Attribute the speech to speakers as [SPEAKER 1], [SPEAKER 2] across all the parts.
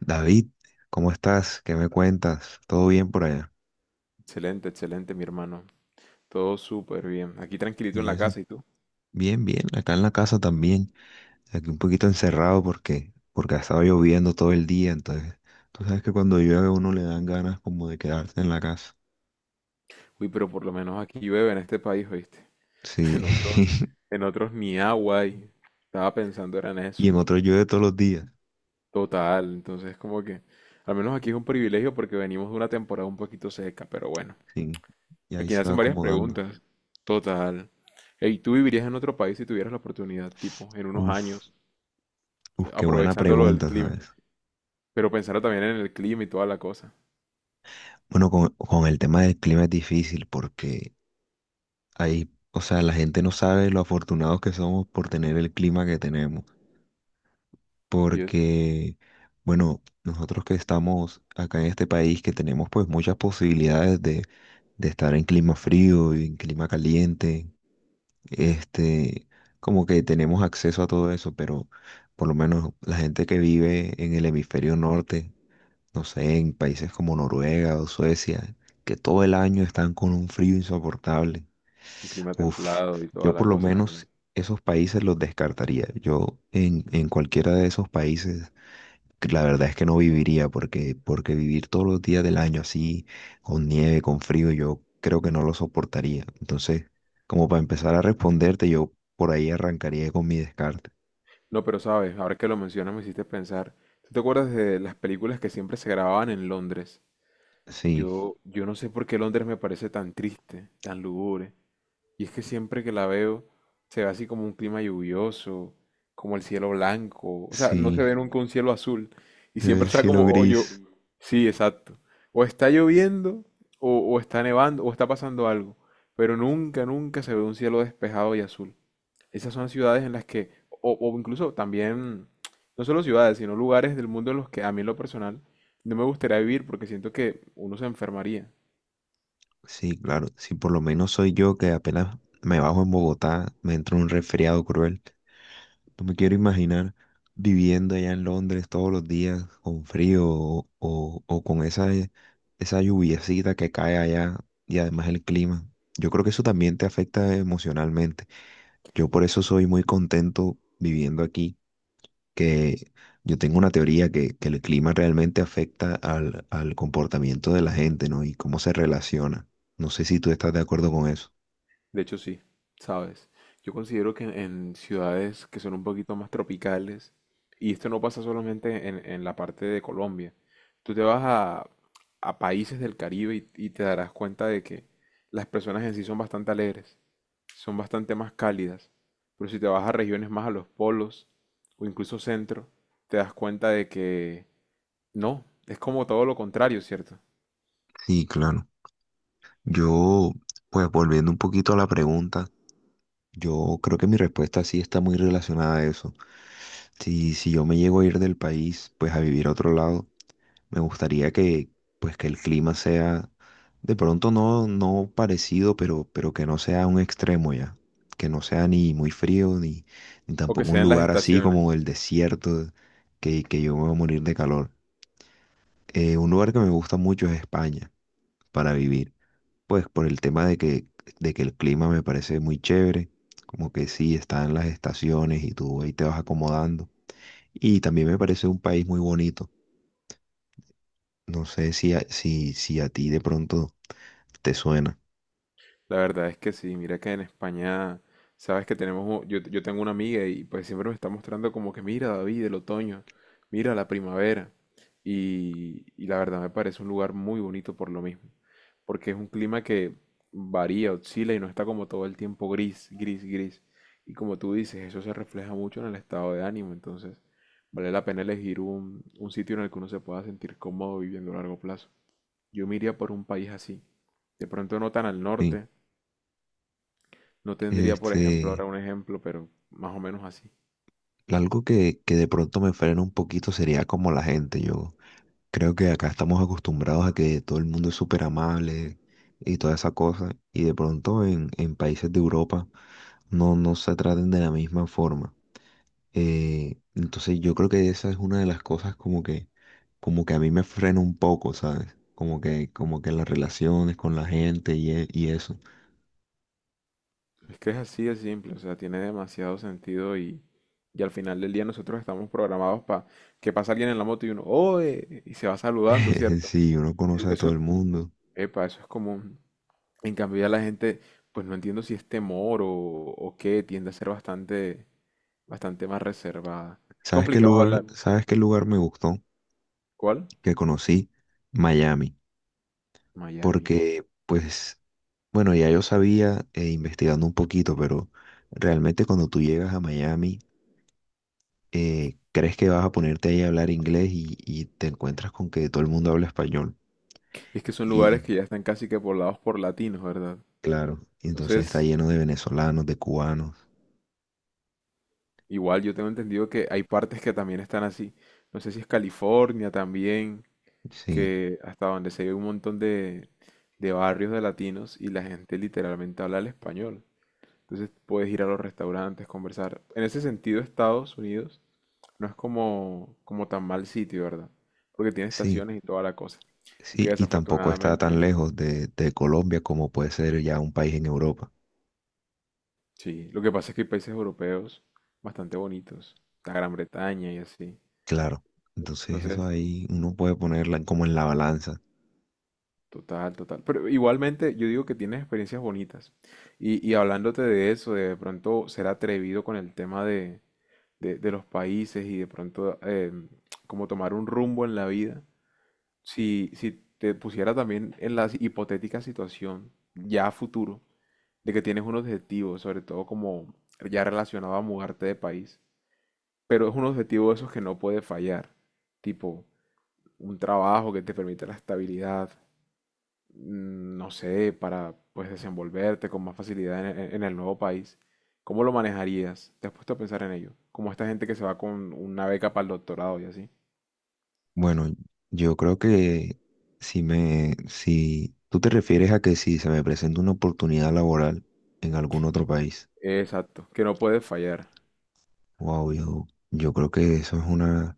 [SPEAKER 1] David, ¿cómo estás? ¿Qué me cuentas? ¿Todo bien por allá?
[SPEAKER 2] Excelente, excelente, mi hermano. Todo súper bien. Aquí tranquilito en
[SPEAKER 1] Y
[SPEAKER 2] la
[SPEAKER 1] eso,
[SPEAKER 2] casa, ¿y tú?
[SPEAKER 1] bien, bien, acá en la casa también, aquí un poquito encerrado porque ha estado lloviendo todo el día, entonces, tú sabes que cuando llueve a uno le dan ganas como de quedarse en la casa.
[SPEAKER 2] Uy, pero por lo menos aquí llueve en este país, ¿oíste?
[SPEAKER 1] Sí.
[SPEAKER 2] En otros, en otros ni agua hay. Estaba pensando era en eso.
[SPEAKER 1] Y en otro llueve todos los días,
[SPEAKER 2] Total, entonces como que, al menos aquí es un privilegio porque venimos de una temporada un poquito seca, pero bueno.
[SPEAKER 1] sí, y ahí
[SPEAKER 2] Aquí
[SPEAKER 1] se va
[SPEAKER 2] hacen varias
[SPEAKER 1] acomodando.
[SPEAKER 2] preguntas. Total. ¿Y tú vivirías en otro país si tuvieras la oportunidad, tipo, en unos
[SPEAKER 1] Uf,
[SPEAKER 2] años,
[SPEAKER 1] uf, qué buena
[SPEAKER 2] aprovechando lo del
[SPEAKER 1] pregunta,
[SPEAKER 2] clima?
[SPEAKER 1] ¿sabes?
[SPEAKER 2] Pero pensando también en el clima y toda la cosa.
[SPEAKER 1] Bueno, con el tema del clima es difícil porque ahí, o sea, la gente no sabe lo afortunados que somos por tener el clima que tenemos.
[SPEAKER 2] Y es
[SPEAKER 1] Porque, bueno, nosotros que estamos acá en este país, que tenemos pues muchas posibilidades de estar en clima frío y en clima caliente, este, como que tenemos acceso a todo eso, pero por lo menos la gente que vive en el hemisferio norte, no sé, en países como Noruega o Suecia, que todo el año están con un frío insoportable.
[SPEAKER 2] un clima
[SPEAKER 1] Uf,
[SPEAKER 2] templado y toda
[SPEAKER 1] yo
[SPEAKER 2] la
[SPEAKER 1] por lo
[SPEAKER 2] cosa.
[SPEAKER 1] menos esos países los descartaría. Yo en cualquiera de esos países que la verdad es que no viviría porque vivir todos los días del año así, con nieve, con frío, yo creo que no lo soportaría. Entonces, como para empezar a responderte, yo por ahí arrancaría con mi descarte.
[SPEAKER 2] No, pero sabes, ahora que lo mencionas me hiciste pensar. ¿Tú te acuerdas de las películas que siempre se grababan en Londres?
[SPEAKER 1] Sí,
[SPEAKER 2] Yo no sé por qué Londres me parece tan triste, tan lúgubre. Y es que siempre que la veo se ve así como un clima lluvioso, como el cielo blanco. O sea, no se
[SPEAKER 1] sí,
[SPEAKER 2] ve nunca un cielo azul. Y
[SPEAKER 1] se ve
[SPEAKER 2] siempre
[SPEAKER 1] el
[SPEAKER 2] está
[SPEAKER 1] cielo
[SPEAKER 2] como,
[SPEAKER 1] gris.
[SPEAKER 2] sí, exacto. O está lloviendo, o está nevando, o está pasando algo. Pero nunca, nunca se ve un cielo despejado y azul. Esas son ciudades en las que, o incluso también, no solo ciudades, sino lugares del mundo en los que a mí en lo personal no me gustaría vivir porque siento que uno se enfermaría.
[SPEAKER 1] Sí, claro, si por lo menos soy yo que apenas me bajo en Bogotá, me entra un resfriado cruel. No me quiero imaginar viviendo allá en Londres todos los días con frío o con esa, esa lluviecita que cae allá y además el clima. Yo creo que eso también te afecta emocionalmente. Yo por eso soy muy contento viviendo aquí, que yo tengo una teoría que el clima realmente afecta al comportamiento de la gente, ¿no? Y cómo se relaciona. No sé si tú estás de acuerdo con eso.
[SPEAKER 2] De hecho, sí, ¿sabes? Yo considero que en ciudades que son un poquito más tropicales, y esto no pasa solamente en la parte de Colombia, tú te vas a países del Caribe y te darás cuenta de que las personas en sí son bastante alegres. Son bastante más cálidas, pero si te vas a regiones más a los polos o incluso centro, te das cuenta de que no, es como todo lo contrario, ¿cierto?
[SPEAKER 1] Sí, claro. Yo, pues volviendo un poquito a la pregunta. Yo creo que mi respuesta sí está muy relacionada a eso. Si yo me llego a ir del país, pues a vivir a otro lado, me gustaría que, pues que el clima sea, de pronto no parecido, pero que no sea un extremo ya. Que no sea ni muy frío, ni, ni
[SPEAKER 2] O que
[SPEAKER 1] tampoco un
[SPEAKER 2] sean las, sí,
[SPEAKER 1] lugar así como
[SPEAKER 2] estaciones.
[SPEAKER 1] el desierto, que yo me voy a morir de calor. Un lugar que me gusta mucho es España para vivir. Pues por el tema de que el clima me parece muy chévere, como que sí, están las estaciones y tú ahí te vas acomodando. Y también me parece un país muy bonito. No sé si a, si a ti de pronto te suena.
[SPEAKER 2] La verdad es que sí, mira que en España, sabes que tenemos, yo tengo una amiga y pues siempre me está mostrando como que mira David, el otoño, mira la primavera. Y la verdad me parece un lugar muy bonito por lo mismo, porque es un clima que varía, oscila y no está como todo el tiempo gris, gris, gris. Y como tú dices, eso se refleja mucho en el estado de ánimo, entonces vale la pena elegir un sitio en el que uno se pueda sentir cómodo viviendo a largo plazo. Yo me iría por un país así. De pronto no tan al
[SPEAKER 1] Sí.
[SPEAKER 2] norte, no tendría, por ejemplo,
[SPEAKER 1] Este,
[SPEAKER 2] ahora un ejemplo, pero más o menos así.
[SPEAKER 1] algo que de pronto me frena un poquito sería como la gente. Yo creo que acá estamos acostumbrados a que todo el mundo es súper amable y toda esa cosa. Y de pronto en países de Europa no, no se traten de la misma forma. Entonces yo creo que esa es una de las cosas como como que a mí me frena un poco, ¿sabes? Como que las relaciones con la gente y, y eso.
[SPEAKER 2] Es que es así de simple, o sea, tiene demasiado sentido y al final del día nosotros estamos programados para que pasa alguien en la moto y uno, ¡oe! Y se va saludando, ¿cierto?
[SPEAKER 1] Sí, uno
[SPEAKER 2] E-
[SPEAKER 1] conoce a todo
[SPEAKER 2] Eso,
[SPEAKER 1] el mundo.
[SPEAKER 2] epa, eso es común. En cambio ya la gente, pues no entiendo si es temor o qué, tiende a ser bastante, bastante más reservada. Es complicado hablar.
[SPEAKER 1] Sabes qué lugar me gustó?
[SPEAKER 2] ¿Cuál?
[SPEAKER 1] Que conocí Miami.
[SPEAKER 2] Miami.
[SPEAKER 1] Porque, pues, bueno, ya yo sabía investigando un poquito, pero realmente cuando tú llegas a Miami, crees que vas a ponerte ahí a hablar inglés y te encuentras con que todo el mundo habla español.
[SPEAKER 2] Es que son lugares que ya están casi que poblados por latinos, ¿verdad?
[SPEAKER 1] Claro, y entonces está
[SPEAKER 2] Entonces,
[SPEAKER 1] lleno de venezolanos, de cubanos,
[SPEAKER 2] igual yo tengo entendido que hay partes que también están así. No sé si es California también,
[SPEAKER 1] sí,
[SPEAKER 2] que hasta donde se ve un montón de barrios de latinos y la gente literalmente habla el español. Entonces puedes ir a los restaurantes, conversar. En ese sentido, Estados Unidos no es como, como tan mal sitio, ¿verdad? Porque tiene
[SPEAKER 1] sí,
[SPEAKER 2] estaciones y toda la cosa.
[SPEAKER 1] sí,
[SPEAKER 2] Aunque
[SPEAKER 1] y tampoco está tan
[SPEAKER 2] desafortunadamente,
[SPEAKER 1] lejos de Colombia como puede ser ya un país en Europa,
[SPEAKER 2] sí. Lo que pasa es que hay países europeos bastante bonitos. La Gran Bretaña y así.
[SPEAKER 1] claro, entonces eso
[SPEAKER 2] Entonces,
[SPEAKER 1] ahí uno puede ponerla en- como en la balanza.
[SPEAKER 2] total, total. Pero igualmente yo digo que tienes experiencias bonitas. Y hablándote de eso, de pronto ser atrevido con el tema de, los países y de pronto como tomar un rumbo en la vida, si te pusiera también en la hipotética situación ya a futuro, de que tienes un objetivo, sobre todo como ya relacionado a mudarte de país, pero es un objetivo de esos que no puede fallar, tipo un trabajo que te permite la estabilidad, no sé, para pues desenvolverte con más facilidad en, en el nuevo país, ¿cómo lo manejarías? ¿Te has puesto a pensar en ello? Como esta gente que se va con una beca para el doctorado y así.
[SPEAKER 1] Bueno, yo creo que si me, si tú te refieres a que si se me presenta una oportunidad laboral en algún otro país,
[SPEAKER 2] Exacto, que no puede fallar.
[SPEAKER 1] wow, yo creo que eso es una...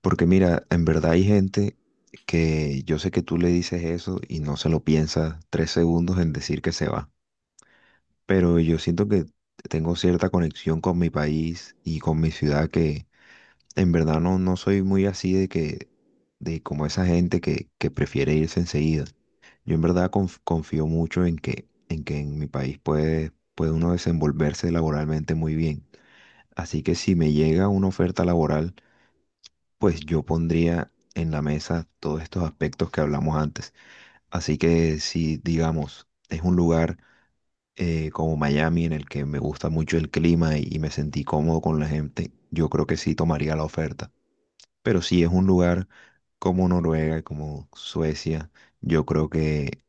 [SPEAKER 1] Porque mira, en verdad hay gente que yo sé que tú le dices eso y no se lo piensa tres segundos en decir que se va. Pero yo siento que tengo cierta conexión con mi país y con mi ciudad que en verdad no, no soy muy así de que, de como esa gente que prefiere irse enseguida. Yo en verdad confío mucho en que en mi país puede uno desenvolverse laboralmente muy bien. Así que si me llega una oferta laboral, pues yo pondría en la mesa todos estos aspectos que hablamos antes. Así que si, digamos, es un lugar como Miami en el que me gusta mucho el clima y me sentí cómodo con la gente, yo creo que sí tomaría la oferta. Pero si es un lugar como Noruega, como Suecia, yo creo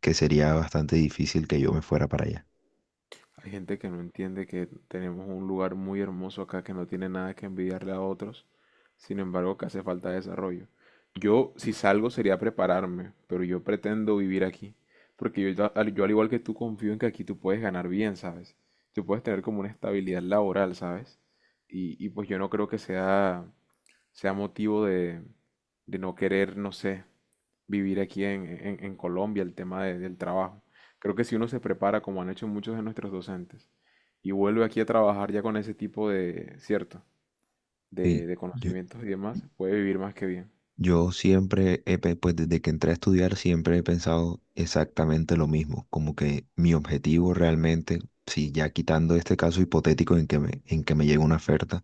[SPEAKER 1] que sería bastante difícil que yo me fuera para allá.
[SPEAKER 2] Hay gente que no entiende que tenemos un lugar muy hermoso acá que no tiene nada que envidiarle a otros, sin embargo que hace falta desarrollo. Yo, si salgo, sería prepararme, pero yo pretendo vivir aquí, porque yo, yo al igual que tú confío en que aquí tú puedes ganar bien, ¿sabes? Tú puedes tener como una estabilidad laboral, ¿sabes? Y pues yo no creo que sea motivo de no querer, no sé, vivir aquí en, en Colombia, el tema del trabajo. Creo que si uno se prepara, como han hecho muchos de nuestros docentes, y vuelve aquí a trabajar ya con ese tipo de, cierto,
[SPEAKER 1] Sí,
[SPEAKER 2] de
[SPEAKER 1] yo.
[SPEAKER 2] conocimientos y demás, puede vivir más que bien.
[SPEAKER 1] Yo siempre, pues desde que entré a estudiar, siempre he pensado exactamente lo mismo, como que mi objetivo realmente, si ya quitando este caso hipotético en que me llega una oferta,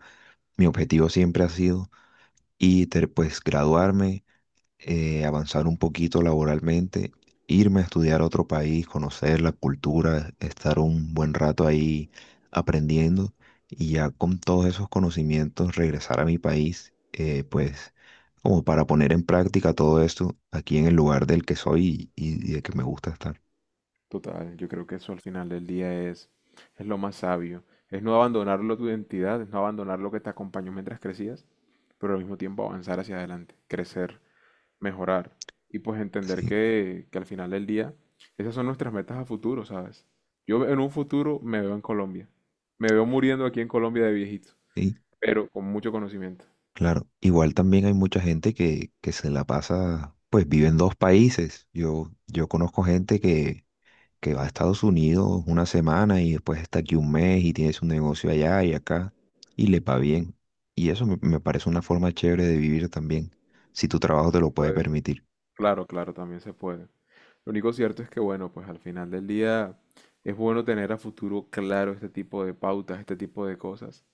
[SPEAKER 1] mi objetivo siempre ha sido y pues graduarme, avanzar un poquito laboralmente, irme a estudiar a otro país, conocer la cultura, estar un buen rato ahí aprendiendo y ya con todos esos conocimientos regresar a mi país, pues como para poner en práctica todo esto aquí en el lugar del que soy y de que me gusta estar.
[SPEAKER 2] Total, yo creo que eso al final del día es lo más sabio. Es no abandonarlo tu identidad, es no abandonar lo que te acompañó mientras crecías, pero al mismo tiempo avanzar hacia adelante, crecer, mejorar y pues entender
[SPEAKER 1] Sí,
[SPEAKER 2] que, al final del día esas son nuestras metas a futuro, ¿sabes? Yo en un futuro me veo en Colombia, me veo muriendo aquí en Colombia de viejito,
[SPEAKER 1] sí,
[SPEAKER 2] pero con mucho conocimiento.
[SPEAKER 1] claro. Igual también hay mucha gente que se la pasa, pues vive en dos países. Yo conozco gente que va a Estados Unidos una semana y después está aquí un mes y tiene su negocio allá y acá y le va bien. Y eso me, me parece una forma chévere de vivir también, si tu trabajo
[SPEAKER 2] También
[SPEAKER 1] te
[SPEAKER 2] se
[SPEAKER 1] lo puede
[SPEAKER 2] puede.
[SPEAKER 1] permitir.
[SPEAKER 2] Claro, claro, también se puede. Lo único cierto es que, bueno, pues al final del día es bueno tener a futuro claro este tipo de pautas, este tipo de cosas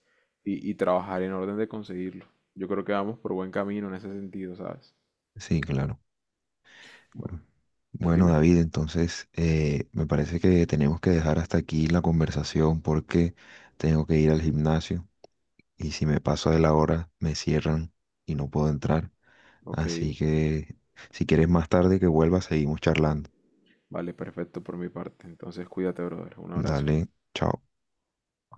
[SPEAKER 2] y trabajar en orden de conseguirlo. Yo creo que vamos por buen camino en ese sentido, ¿sabes?
[SPEAKER 1] Sí, claro.
[SPEAKER 2] Bueno,
[SPEAKER 1] Bueno,
[SPEAKER 2] dime.
[SPEAKER 1] David, entonces me parece que tenemos que dejar hasta aquí la conversación porque tengo que ir al gimnasio y si me paso de la hora me cierran y no puedo entrar.
[SPEAKER 2] Ok.
[SPEAKER 1] Así que si quieres más tarde que vuelva, seguimos charlando.
[SPEAKER 2] Vale, perfecto por mi parte. Entonces, cuídate, brother. Un abrazo.
[SPEAKER 1] Dale, chao.